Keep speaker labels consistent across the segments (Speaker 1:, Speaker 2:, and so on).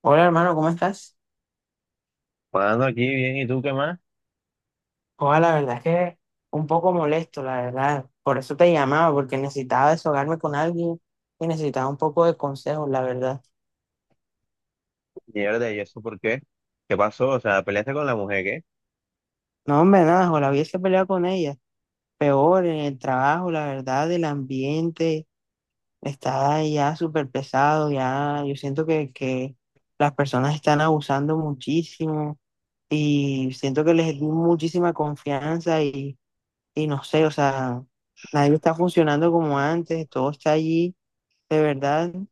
Speaker 1: Hola hermano, ¿cómo estás?
Speaker 2: Jugando aquí bien, ¿y tú qué más?
Speaker 1: Hola, la verdad es que un poco molesto, la verdad. Por eso te llamaba, porque necesitaba desahogarme con alguien y necesitaba un poco de consejos, la verdad.
Speaker 2: Mierda, ¿y eso por qué? ¿Qué pasó? O sea, ¿peleaste con la mujer, qué?
Speaker 1: No, hombre, nada, o la hubiese peleado con ella. Peor en el trabajo, la verdad, el ambiente está ya súper pesado, ya yo siento que las personas están abusando muchísimo y siento que les di muchísima confianza y no sé, o sea, nadie está funcionando como antes, todo está allí, de verdad, no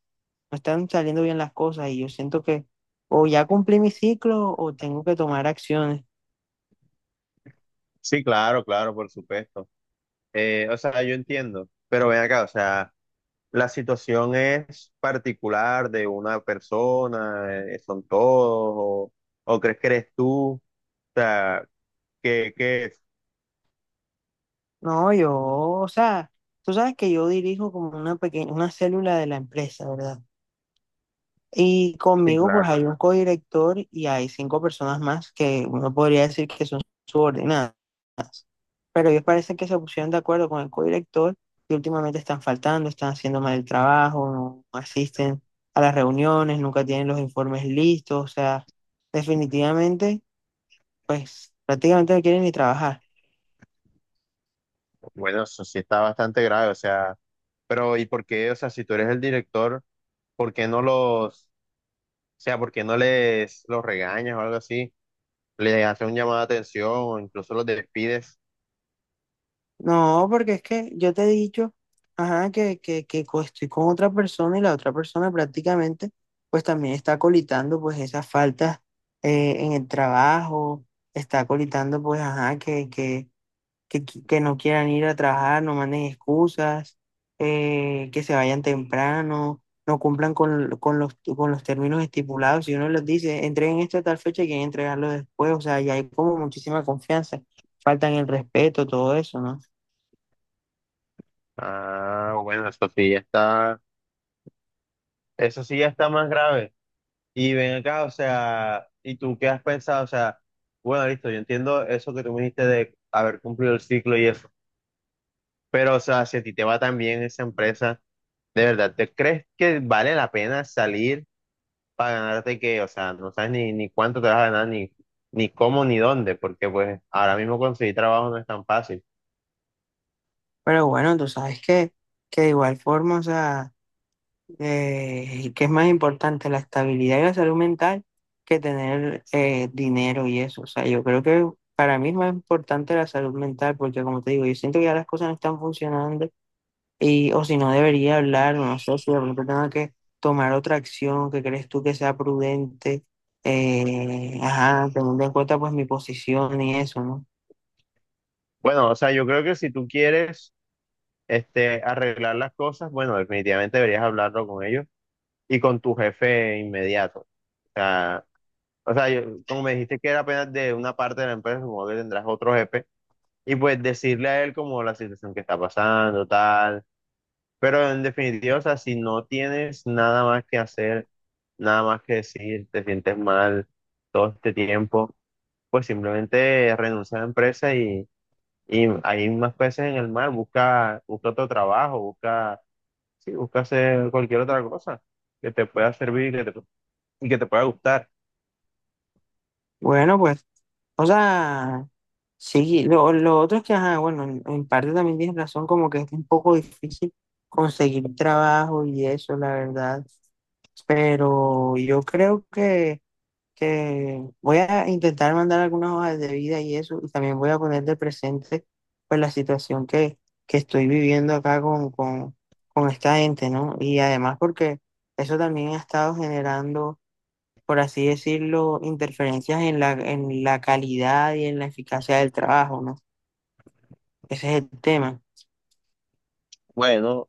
Speaker 1: están saliendo bien las cosas y yo siento que o ya cumplí mi ciclo o tengo que tomar acciones.
Speaker 2: Sí, claro, claro, por supuesto. O sea, yo entiendo, pero ven acá, o sea, la situación es particular de una persona, son todos, o, o crees que eres tú, o sea, que, que,
Speaker 1: No, yo, o sea, tú sabes que yo dirijo como una pequeña, una célula de la empresa, ¿verdad? Y
Speaker 2: sí,
Speaker 1: conmigo
Speaker 2: claro.
Speaker 1: pues hay un codirector y hay cinco personas más que uno podría decir que son subordinadas. Pero ellos parecen que se pusieron de acuerdo con el codirector y últimamente están faltando, están haciendo mal el trabajo, no asisten a las reuniones, nunca tienen los informes listos, o sea, definitivamente, pues prácticamente no quieren ni trabajar.
Speaker 2: Bueno, eso sí está bastante grave, o sea, pero ¿y por qué? O sea, si tú eres el director, ¿por qué no los, o sea, por qué no les los regañas o algo así? Le haces un llamado de atención o incluso los despides.
Speaker 1: No, porque es que yo te he dicho, ajá, que estoy con otra persona y la otra persona prácticamente, pues también está colitando pues esas faltas en el trabajo, está colitando pues, ajá, que no quieran ir a trabajar, no manden excusas, que se vayan temprano, no cumplan con con los términos estipulados. Si uno les dice, entreguen esto a tal fecha y quieren entregarlo después, o sea, ya hay como muchísima confianza, faltan el respeto, todo eso, ¿no?
Speaker 2: Ah, bueno, eso sí ya está más grave. Y ven acá, o sea, ¿y tú qué has pensado? O sea, bueno, listo, yo entiendo eso que tú me dijiste de haber cumplido el ciclo y eso, pero o sea, si a ti te va tan bien esa empresa, ¿de verdad te crees que vale la pena salir para ganarte que, o sea, no sabes ni cuánto te vas a ganar, ni cómo, ni dónde, porque pues ahora mismo conseguir trabajo no es tan fácil?
Speaker 1: Pero bueno, tú sabes que de igual forma, o sea... Y que es más importante la estabilidad y la salud mental que tener dinero y eso. O sea, yo creo que para mí es más importante la salud mental porque, como te digo, yo siento que ya las cosas no están funcionando y o si no debería hablar, o no sé si de pronto tengo que tomar otra acción que crees tú que sea prudente, ajá, teniendo en cuenta pues mi posición y eso, ¿no?
Speaker 2: Bueno, o sea, yo creo que si tú quieres arreglar las cosas, bueno, definitivamente deberías hablarlo con ellos y con tu jefe inmediato. Sea, Como me dijiste que era apenas de una parte de la empresa, supongo que tendrás otro jefe, y pues decirle a él como la situación que está pasando, tal. Pero en definitiva, o sea, si no tienes nada más que hacer, nada más que decir, te sientes mal todo este tiempo, pues simplemente renuncia a la empresa y hay más peces en el mar, busca, busca otro trabajo, busca. Sí, busca hacer cualquier otra cosa que te pueda servir y y que te pueda gustar.
Speaker 1: Bueno, pues, o sea, sí, lo otro es que, ajá, bueno, en parte también tienes razón, como que es un poco difícil conseguir trabajo y eso, la verdad. Pero yo creo que voy a intentar mandar algunas hojas de vida y eso, y también voy a poner de presente pues la situación que estoy viviendo acá con esta gente, ¿no? Y además porque eso también ha estado generando, por así decirlo, interferencias en en la calidad y en la eficacia del trabajo, ¿no? Ese es el tema.
Speaker 2: Bueno,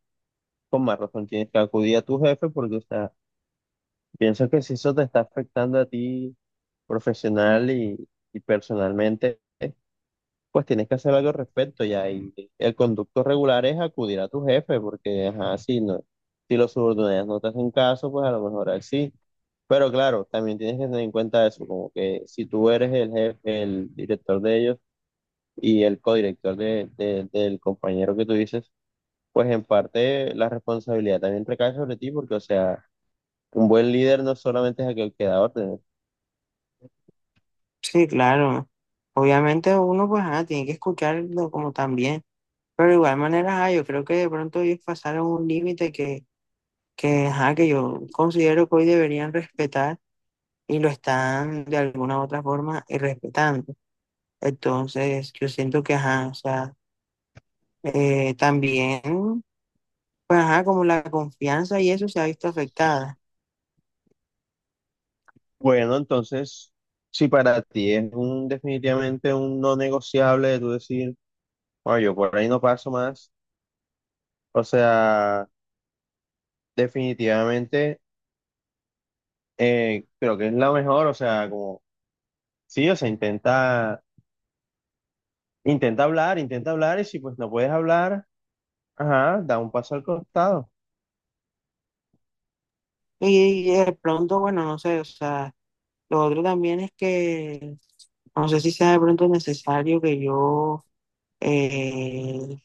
Speaker 2: con más razón tienes que acudir a tu jefe porque, o sea, pienso que si eso te está afectando a ti profesional y personalmente, pues tienes que hacer algo al respecto ya. Y el conducto regular es acudir a tu jefe porque, ajá, si los subordinados no te hacen caso, pues a lo mejor él sí. Pero claro, también tienes que tener en cuenta eso, como que si tú eres el jefe, el director de ellos, y el codirector del compañero que tú dices, pues en parte la responsabilidad también recae sobre ti, porque, o sea, un buen líder no solamente es aquel que da órdenes.
Speaker 1: Sí, claro. Obviamente uno pues tiene que escucharlo como también, pero de igual manera yo creo que de pronto ellos pasaron un límite ajá, que yo considero que hoy deberían respetar y lo están de alguna u otra forma respetando. Entonces yo siento que ajá, o sea, también pues ajá, como la confianza y eso se ha visto afectada.
Speaker 2: Bueno, entonces, si para ti es un definitivamente un no negociable de tú decir, bueno, yo por ahí no paso más, o sea, definitivamente creo que es la mejor, o sea, como, sí, o sea, intenta, intenta hablar, y si pues no puedes hablar, ajá, da un paso al costado.
Speaker 1: Y de pronto, bueno, no sé, o sea, lo otro también es que no sé si sea de pronto necesario que yo eh,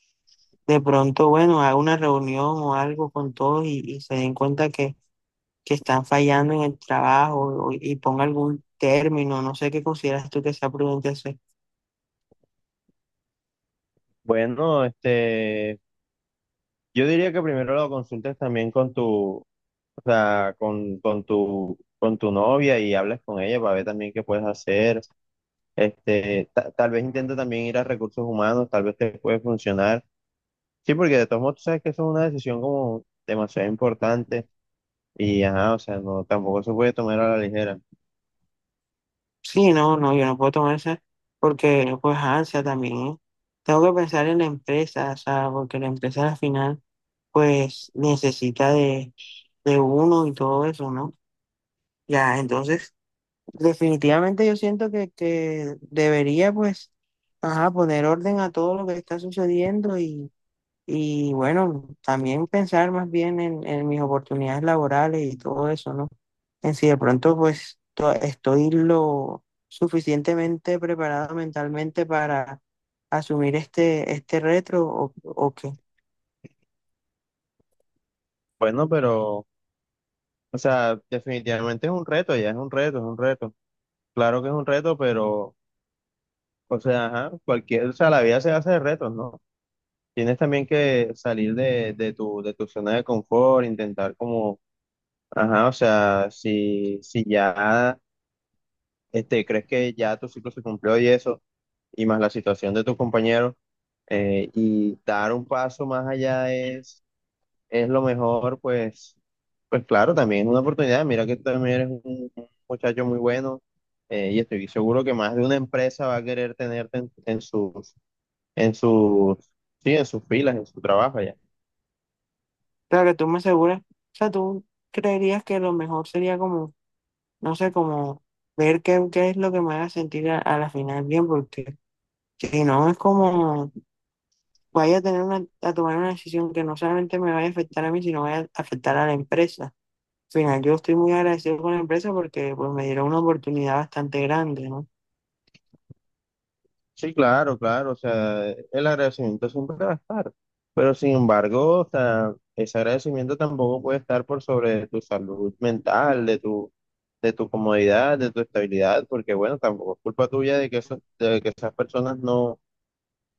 Speaker 1: de pronto, bueno, haga una reunión o algo con todos y se den cuenta que están fallando en el trabajo o- y ponga algún término, no sé qué consideras tú que sea prudente hacer.
Speaker 2: Bueno, yo diría que primero lo consultes también con tu, o sea, con tu novia y hables con ella para ver también qué puedes hacer. Tal vez intenta también ir a recursos humanos, tal vez te puede funcionar. Sí, porque de todos modos tú sabes que eso es una decisión como demasiado importante y ajá, o sea, no, tampoco se puede tomar a la ligera.
Speaker 1: Sí, no, no, yo no puedo tomar esa porque pues ansia también, ¿eh? Tengo que pensar en la empresa, o sea, porque la empresa al final pues necesita de uno y todo eso, ¿no? Ya, entonces, definitivamente yo siento que debería, pues, ajá, poner orden a todo lo que está sucediendo y bueno, también pensar más bien en mis oportunidades laborales y todo eso, ¿no? En si de pronto, pues, to- estoy lo suficientemente preparado mentalmente para asumir este, este reto o qué.
Speaker 2: Bueno, pero, o sea, definitivamente es un reto, ya es un reto, es un reto. Claro que es un reto, pero, o sea, ajá, o sea, la vida se hace de retos, ¿no? Tienes también que salir de tu zona de confort, intentar como, ajá, o sea, si ya crees que ya tu ciclo se cumplió y eso, y más la situación de tus compañeros, y dar un paso más allá es lo mejor, pues claro, también es una oportunidad. Mira que tú también eres un muchacho muy bueno, y estoy seguro que más de una empresa va a querer tenerte en sus, sí, en sus filas, en su trabajo allá.
Speaker 1: Claro que tú me aseguras, o sea, tú creerías que lo mejor sería como no sé, como ver qué es lo que me haga sentir a la final bien, porque si no es como vaya a tener una, a tomar una decisión que no solamente me vaya a afectar a mí, sino vaya a afectar a la empresa. Al final, yo estoy muy agradecido con la empresa porque pues, me dieron una oportunidad bastante grande, ¿no?
Speaker 2: Sí, claro, claro, o sea, el agradecimiento siempre va a estar, pero sin embargo, o sea, ese agradecimiento tampoco puede estar por sobre tu salud mental, de tu comodidad, de tu estabilidad, porque bueno, tampoco es culpa tuya de de que esas personas no,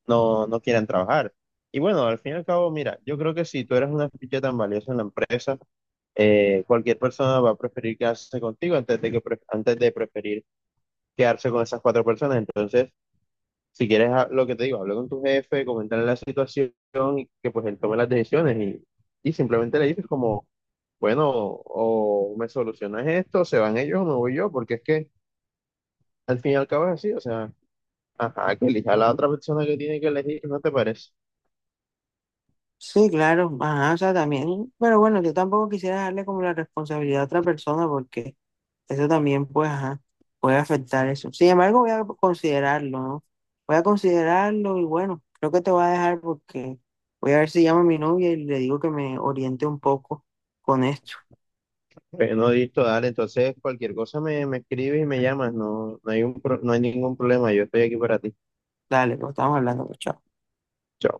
Speaker 2: no, no quieran trabajar. Y bueno, al fin y al cabo, mira, yo creo que si tú eres una ficha tan valiosa en la empresa, cualquier persona va a preferir quedarse contigo antes de preferir quedarse con esas cuatro personas, entonces... Si quieres lo que te digo, habla con tu jefe, comentarle la situación y que pues él tome las decisiones y simplemente le dices como, bueno, o me solucionas esto, se van ellos o me voy yo, porque es que al fin y al cabo es así, o sea, ajá, que elija a la otra persona que tiene que elegir, ¿no te parece?
Speaker 1: Sí, claro, ajá, o sea, también, pero bueno, yo tampoco quisiera darle como la responsabilidad a otra persona porque eso también, pues, ajá, puede afectar eso. Sin embargo, voy a considerarlo, ¿no? Voy a considerarlo y bueno, creo que te voy a dejar porque voy a ver si llamo a mi novia y le digo que me oriente un poco con esto.
Speaker 2: Bueno, listo, dale, entonces cualquier cosa me escribes y me llamas, no hay no hay ningún problema, yo estoy aquí para ti.
Speaker 1: Dale, pues estamos hablando, pues, chao.
Speaker 2: Chao.